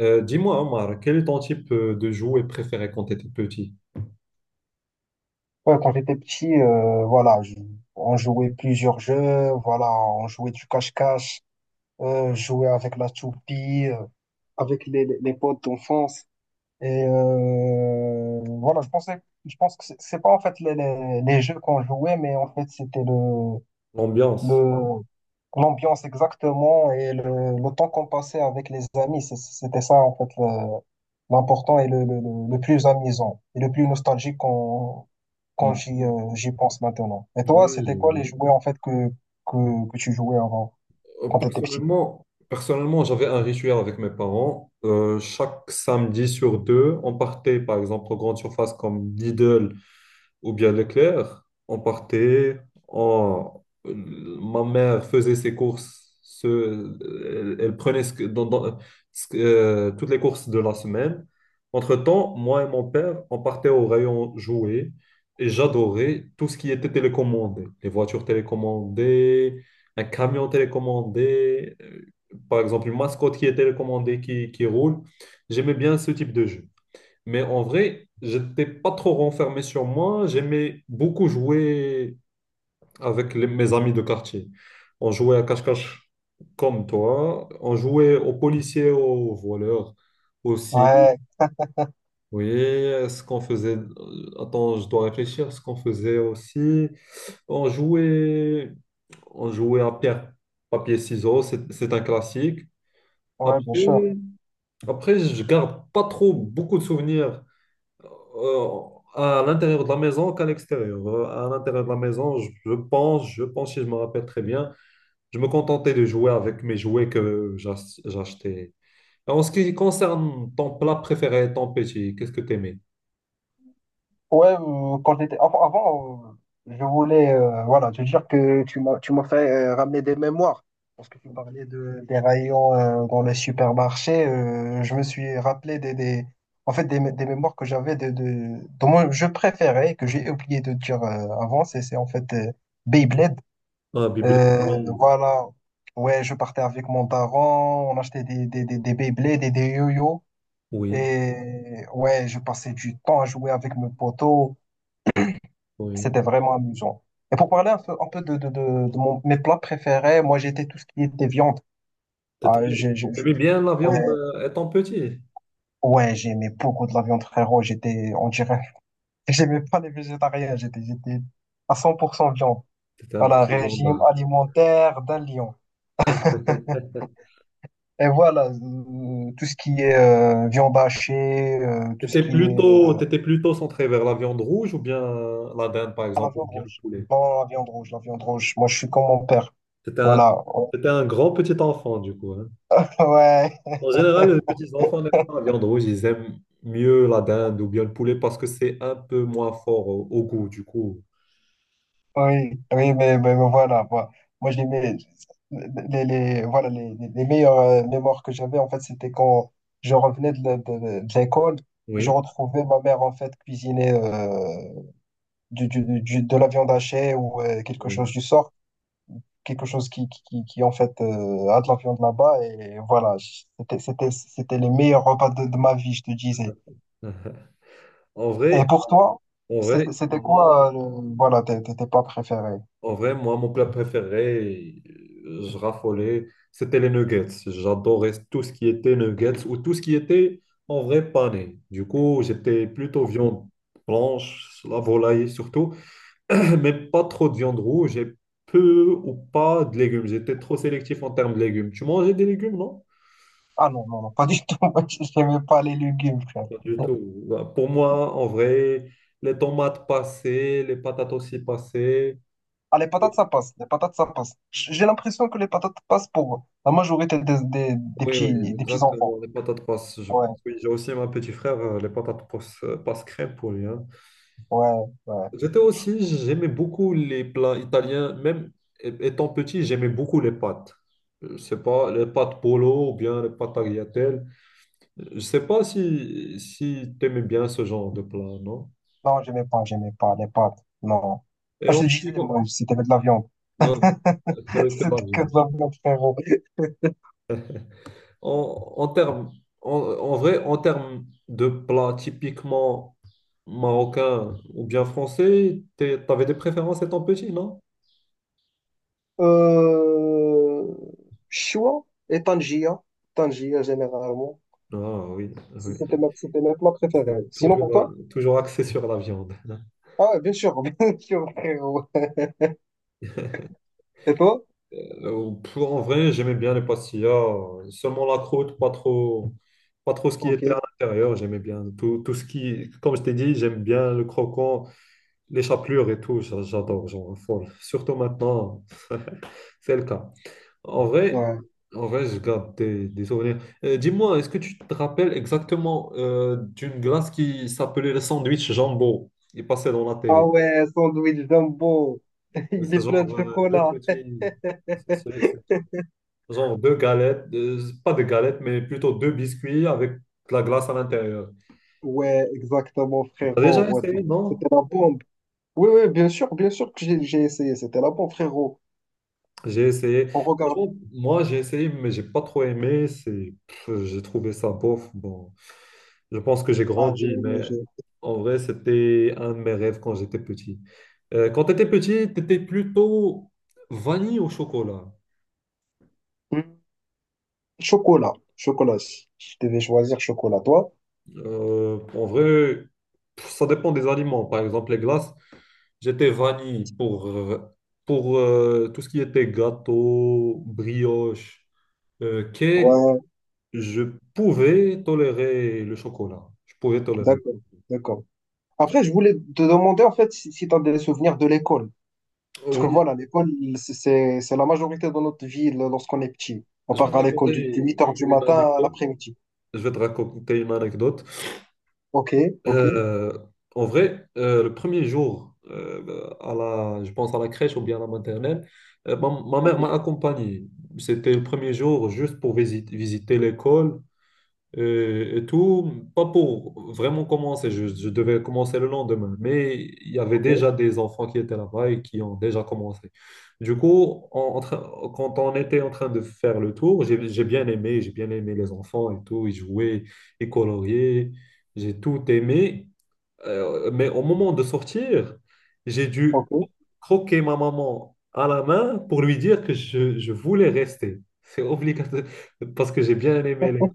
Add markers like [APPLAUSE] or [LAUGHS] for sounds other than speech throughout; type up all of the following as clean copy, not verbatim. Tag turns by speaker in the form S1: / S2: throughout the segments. S1: Dis-moi, Omar, quel est ton type de jouet préféré quand tu étais petit?
S2: Ouais, quand j'étais petit, voilà, on jouait plusieurs jeux, voilà, on jouait du cache-cache, jouait avec la toupie, avec les potes d'enfance. Et voilà, je pense que c'est pas en fait les jeux qu'on jouait, mais en fait c'était
S1: L'ambiance.
S2: le, l'ambiance exactement et le temps qu'on passait avec les amis. C'était ça, en fait, l'important et le plus amusant et le plus nostalgique quand
S1: Mhm.
S2: j'y pense maintenant. Et
S1: Oui,
S2: toi,
S1: je-
S2: c'était quoi les
S1: je-
S2: jouets, en fait, que tu jouais avant,
S1: Euh,
S2: quand tu étais petit?
S1: Personnellement, personnellement, j'avais un rituel avec mes parents. Chaque samedi sur deux, on partait par exemple aux grandes surfaces comme Lidl ou bien Leclerc, on partait, on- ma mère faisait ses courses, elle prenait ce que- dans- dans- ce que- toutes les courses de la semaine. Entre-temps, moi et mon père, on partait au rayon jouets et j'adorais tout ce qui était télécommandé, les voitures télécommandées, un camion télécommandé, par exemple une mascotte qui est télécommandée, qui roule. J'aimais bien ce type de jeu. Mais en vrai, j'étais pas trop renfermé sur moi. J'aimais beaucoup jouer avec mes amis de quartier. On jouait à cache-cache comme toi. On jouait aux policiers, aux voleurs aussi.
S2: Ouais,
S1: Oui, ce qu'on faisait. Attends, je dois réfléchir. Ce qu'on faisait aussi. On jouait, on jouait à pierre, papier, ciseaux. C'est un classique.
S2: ouais, bien sûr.
S1: Après, après, je garde pas trop beaucoup de souvenirs. euh, à l'intérieur de la maison qu'à l'extérieur. À l'intérieur de la maison, je pense, si je me rappelle très bien, je me contentais de jouer avec mes jouets que j'achetais. En ce qui concerne ton plat préféré, ton petit, qu'est-ce que t'aimais?
S2: Ouais, quand j'étais avant, je voulais voilà te dire que tu m'as fait ramener des mémoires parce que tu parlais de des rayons dans les supermarchés. Je me suis rappelé des en fait des mémoires que j'avais de dont moi, je préférais que j'ai oublié de dire avant. C'est en fait Beyblade.
S1: Ah, bibelette, oui.
S2: Voilà. Ouais, je partais avec mon daron, on achetait des Beyblades et des yo-yo.
S1: Oui,
S2: Et ouais, je passais du temps à jouer avec mes potos.
S1: oui.
S2: C'était vraiment amusant. Et pour parler un peu de mes plats préférés, moi j'étais tout ce qui était viande. Ah,
S1: T'aimais
S2: j'ai-
S1: t'aimais bien la
S2: ouais,
S1: viande étant petit?
S2: ouais, j'aimais beaucoup de la viande, frérot. J'étais, on dirait, [LAUGHS] j'aimais pas les végétariens. J'étais à 100% viande.
S1: T'étais un
S2: Voilà,
S1: petit
S2: régime
S1: viandard.
S2: alimentaire d'un lion. [LAUGHS] Et voilà, tout ce qui est viande hachée, tout ce
S1: T'étais
S2: qui est
S1: plutôt, t'étais plutôt centré vers la viande rouge ou bien la dinde, par
S2: ah, la
S1: exemple, ou
S2: viande
S1: bien le
S2: rouge.
S1: poulet?
S2: Non, la viande rouge. Moi, je suis comme mon père.
S1: T'étais un,
S2: Voilà. [LAUGHS]
S1: t'étais un grand petit enfant, du coup, hein.
S2: Ouais,
S1: En général, les petits enfants n'aiment pas la viande rouge, ils aiment mieux la dinde ou bien le poulet parce que c'est un peu moins fort au, au goût, du coup.
S2: oui, oui, mais voilà, moi voilà, les meilleures mémoires que j'avais, en fait, c'était quand je revenais de l'école, je
S1: Oui,
S2: retrouvais ma mère, en fait, cuisiner de la viande hachée ou quelque chose
S1: oui.
S2: du sort, quelque chose qui, en fait, a de la viande là-bas, et voilà, c'était les meilleurs repas de ma vie, je te disais.
S1: [LAUGHS] En
S2: Et
S1: vrai,
S2: pour toi,
S1: en vrai,
S2: c'était
S1: moi,
S2: quoi, voilà, tes plats préférés?
S1: en vrai, moi, mon plat préféré, je raffolais, c'était les nuggets. J'adorais tout ce qui était nuggets ou tout ce qui était en vrai pané. Du coup, j'étais plutôt viande blanche, la volaille surtout. Même pas trop de viande rouge et peu ou pas de légumes. J'étais trop sélectif en termes de légumes. Tu mangeais des légumes, non?
S2: Ah non, non, non, pas du tout. [LAUGHS] Moi, j'aime pas les légumes, frère.
S1: Pas du tout. Bah, pour moi, en vrai, les tomates passaient, les patates aussi passaient.
S2: Ah, les patates, ça passe. Les patates, ça passe. [LAUGHS] J'ai l'impression que les patates passent pour la majorité
S1: Oui, oui,
S2: des petits
S1: exactement.
S2: enfants.
S1: Les patates passent. Je
S2: Ouais,
S1: Oui, j'ai aussi ma petit frère, les patates passent, passent crème pour lui, hein.
S2: ouais, ouais.
S1: J'étais aussi, j'aimais beaucoup les plats italiens. Même étant petit, j'aimais beaucoup les pâtes. Je sais pas, les pâtes polo ou bien les pâtes tagliatelles. Je sais pas si, si tu aimes bien ce genre de plat, non?
S2: Non, j'aimais pas les pâtes. Non.
S1: Et
S2: Ah, je
S1: en
S2: te
S1: ce qui
S2: disais,
S1: con-
S2: moi, c'était de la viande.
S1: non,
S2: [LAUGHS]
S1: que- Que
S2: C'était que de
S1: l'Algérie.
S2: la viande, frérot.
S1: En, en termes, en vrai, en termes de plats typiquement marocains ou bien français, tu avais des préférences étant petit, non?
S2: Euh... Choua et Tangia. Tangia, généralement.
S1: Ah oui, oui.
S2: C'était mes plats préférés.
S1: C'est
S2: Sinon, pour
S1: toujours,
S2: toi?
S1: toujours axé sur la viande. [LAUGHS]
S2: Ah, ouais, bien sûr, [LAUGHS] bien sûr, frérot. Et toi?
S1: Pff, en vrai, j'aimais bien les pastillas, seulement la croûte, pas trop ce qui
S2: Ok.
S1: était à l'intérieur. J'aimais bien tout, tout ce qui, comme je t'ai dit, j'aime bien le croquant, les chapelures et tout. J'adore, genre, folle. Surtout maintenant, c'est le cas. En vrai,
S2: Ouais.
S1: en vrai, je garde des souvenirs. Dis-moi, est-ce que tu te rappelles exactement d'une glace qui s'appelait le sandwich jambon? Il passait dans la
S2: Ah
S1: télé.
S2: ouais, sandwich jumbo. [LAUGHS] Il
S1: C'est
S2: est plein
S1: genre
S2: de
S1: deux
S2: chocolat.
S1: petits. Genre deux galettes, pas de galettes, mais plutôt deux biscuits avec de la glace à l'intérieur.
S2: Ouais, exactement,
S1: T'as
S2: frérot.
S1: déjà essayé, non?
S2: C'était la bombe. Oui, oui, bien sûr que j'ai essayé. C'était la bombe, frérot.
S1: J'ai essayé.
S2: On regarde.
S1: Franchement, moi, j'ai essayé, mais j'ai pas trop aimé. C'est, pff, j'ai trouvé ça bof. Bon, je pense que j'ai
S2: Ah,
S1: grandi, mais en vrai, c'était un de mes rêves quand j'étais petit. Quand t'étais petit, t'étais plutôt vanille au chocolat.
S2: hmm. Chocolat. Chocolat. Si je devais choisir chocolat, toi?
S1: En vrai, pff, ça dépend des aliments. Par exemple, les glaces. J'étais vanille pour, tout ce qui était gâteau, brioche, cake.
S2: Ouais,
S1: Je pouvais tolérer le chocolat. Je pouvais tolérer.
S2: d'accord, d'accord. Après, je voulais te demander, en fait, si, tu as des souvenirs de l'école. Parce que
S1: Oui,
S2: voilà, l'école, c'est la majorité de notre vie lorsqu'on est petit. On
S1: je vais
S2: part
S1: te
S2: à l'école de
S1: raconter
S2: huit heures du
S1: une
S2: matin à
S1: anecdote.
S2: l'après-midi.
S1: Je vais te raconter une anecdote.
S2: Ok, ok.
S1: Euh, En vrai, le premier jour, à la, je pense à la crèche ou bien à la maternelle, ma mère m'a
S2: Ok.
S1: accompagné. C'était le premier jour juste pour visiter l'école, et tout, pas pour vraiment commencer, je devais commencer le lendemain, mais il y avait
S2: Ok,
S1: déjà des enfants qui étaient là-bas et qui ont déjà commencé. Du coup, quand on était en train de faire le tour, j'ai bien aimé les enfants et tout, ils jouaient, ils coloriaient, j'ai tout aimé. Mais au moment de sortir, j'ai dû
S2: ok.
S1: croquer ma maman à la main pour lui dire que je voulais rester. C'est obligatoire parce que j'ai bien aimé les...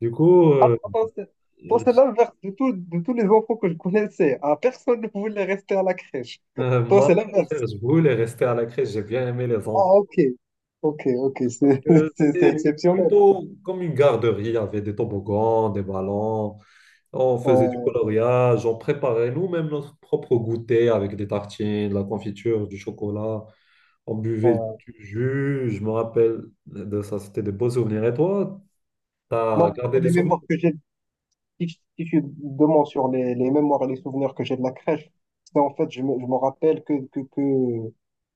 S1: Du coup,
S2: Attends,
S1: euh,
S2: c'est l'inverse de, de tous les enfants que je connaissais, hein. Personne ne voulait rester à la crèche. Toi,
S1: moi,
S2: c'est
S1: au
S2: l'inverse.
S1: contraire, je voulais rester à la crèche. J'ai bien aimé les enfants
S2: Ah, ok. Ok, ok,
S1: parce
S2: c'est
S1: que
S2: [LAUGHS] c'est
S1: c'était
S2: exceptionnel.
S1: plutôt comme une garderie. Il y avait des toboggans, des ballons. On faisait du
S2: Ouais,
S1: coloriage. On préparait nous-mêmes notre propre goûter avec des tartines, de la confiture, du chocolat. On buvait
S2: ouais.
S1: du jus. Je me rappelle de ça. C'était de beaux souvenirs. Et toi,
S2: Moi,
S1: t'as gardé des
S2: les
S1: souvenirs?
S2: mémoires que j'ai, si je suis sur les mémoires et les souvenirs que j'ai de la crèche, c'est en fait, je me rappelle que, que, que,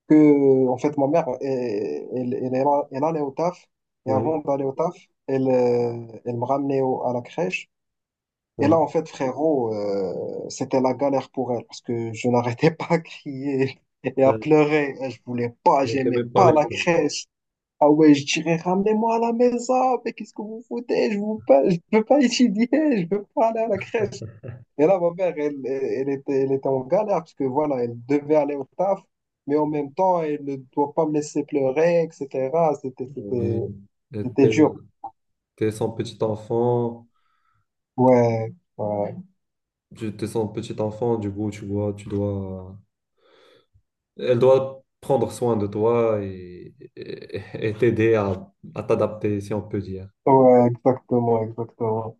S2: que, en fait, ma mère, elle allait au taf, et
S1: Oui,
S2: avant d'aller au taf, elle, elle me ramenait à la crèche. Et
S1: oui.
S2: là, en fait, frérot, c'était la galère pour elle parce que je n'arrêtais [LAUGHS] pas à crier et à
S1: Euh,
S2: pleurer. Je voulais pas,
S1: Et
S2: j'aimais
S1: t'aimais pas
S2: pas la
S1: l'école.
S2: crèche. Ah ouais, je dirais, ramenez-moi à la maison, mais qu'est-ce que vous foutez? Je veux pas étudier, je veux pas aller à la crèche. Et là, ma mère, elle était en galère parce que voilà, elle devait aller au taf, mais en même temps, elle ne doit pas me laisser pleurer, etc.
S1: Oui. Et
S2: C'était
S1: T'es
S2: dur.
S1: t'es son petit enfant.
S2: Ouais, ouais,
S1: Tu te sens petit enfant, du coup, elle doit prendre soin de toi et et t'aider à t'adapter, si on peut dire.
S2: ouais, exactement, exactement.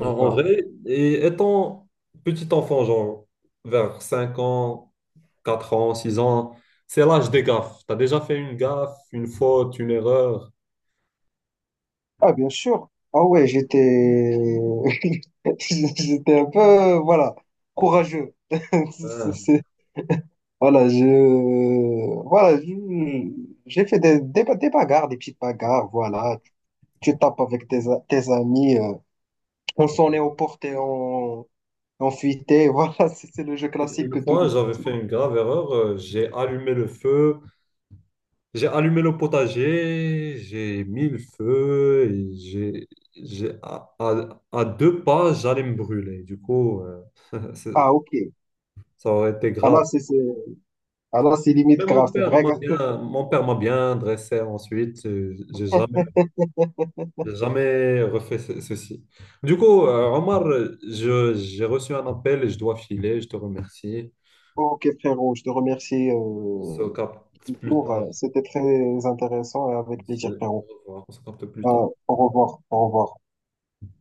S1: En
S2: C'est
S1: en
S2: ça.
S1: vrai, et étant petit enfant, genre vers 5 ans, 4 ans, 6 ans, c'est l'âge des gaffes. Tu as déjà fait une gaffe, une faute, une erreur.
S2: Ah, bien sûr. Ah ouais, j'étais [LAUGHS] j'étais un peu voilà, courageux. [LAUGHS] C'est-
S1: Ah,
S2: c'est- voilà, voilà, je- j'ai fait des bagarres, des petites bagarres,
S1: oui.
S2: voilà. Tu tapes avec tes, tes amis, on s'en est aux portes, porté, on fuitait, [LAUGHS] voilà, c'est le jeu
S1: Une
S2: classique
S1: une
S2: que tout.
S1: fois, j'avais fait une grave erreur. J'ai allumé le feu. J'ai allumé le potager, j'ai mis le feu, et à 2 pas, j'allais me brûler. Du coup, c'est-
S2: Ah, ok.
S1: ça aurait été
S2: Ah
S1: grave.
S2: là, c'est c'est- ah là, c'est limite grave, c'est vrai.
S1: Mon père m'a bien dressé ensuite.
S2: [LAUGHS]
S1: J'ai jamais refait ceci. Du coup, Omar, j'ai reçu un appel et je dois filer. Je te remercie.
S2: Ok, frérot, je te remercie.
S1: On se capte plus
S2: Pour,
S1: tard.
S2: c'était très intéressant et avec
S1: Merci.
S2: plaisir,
S1: Au
S2: Pierrot.
S1: revoir. On se capte plus tard.
S2: Au revoir, au revoir.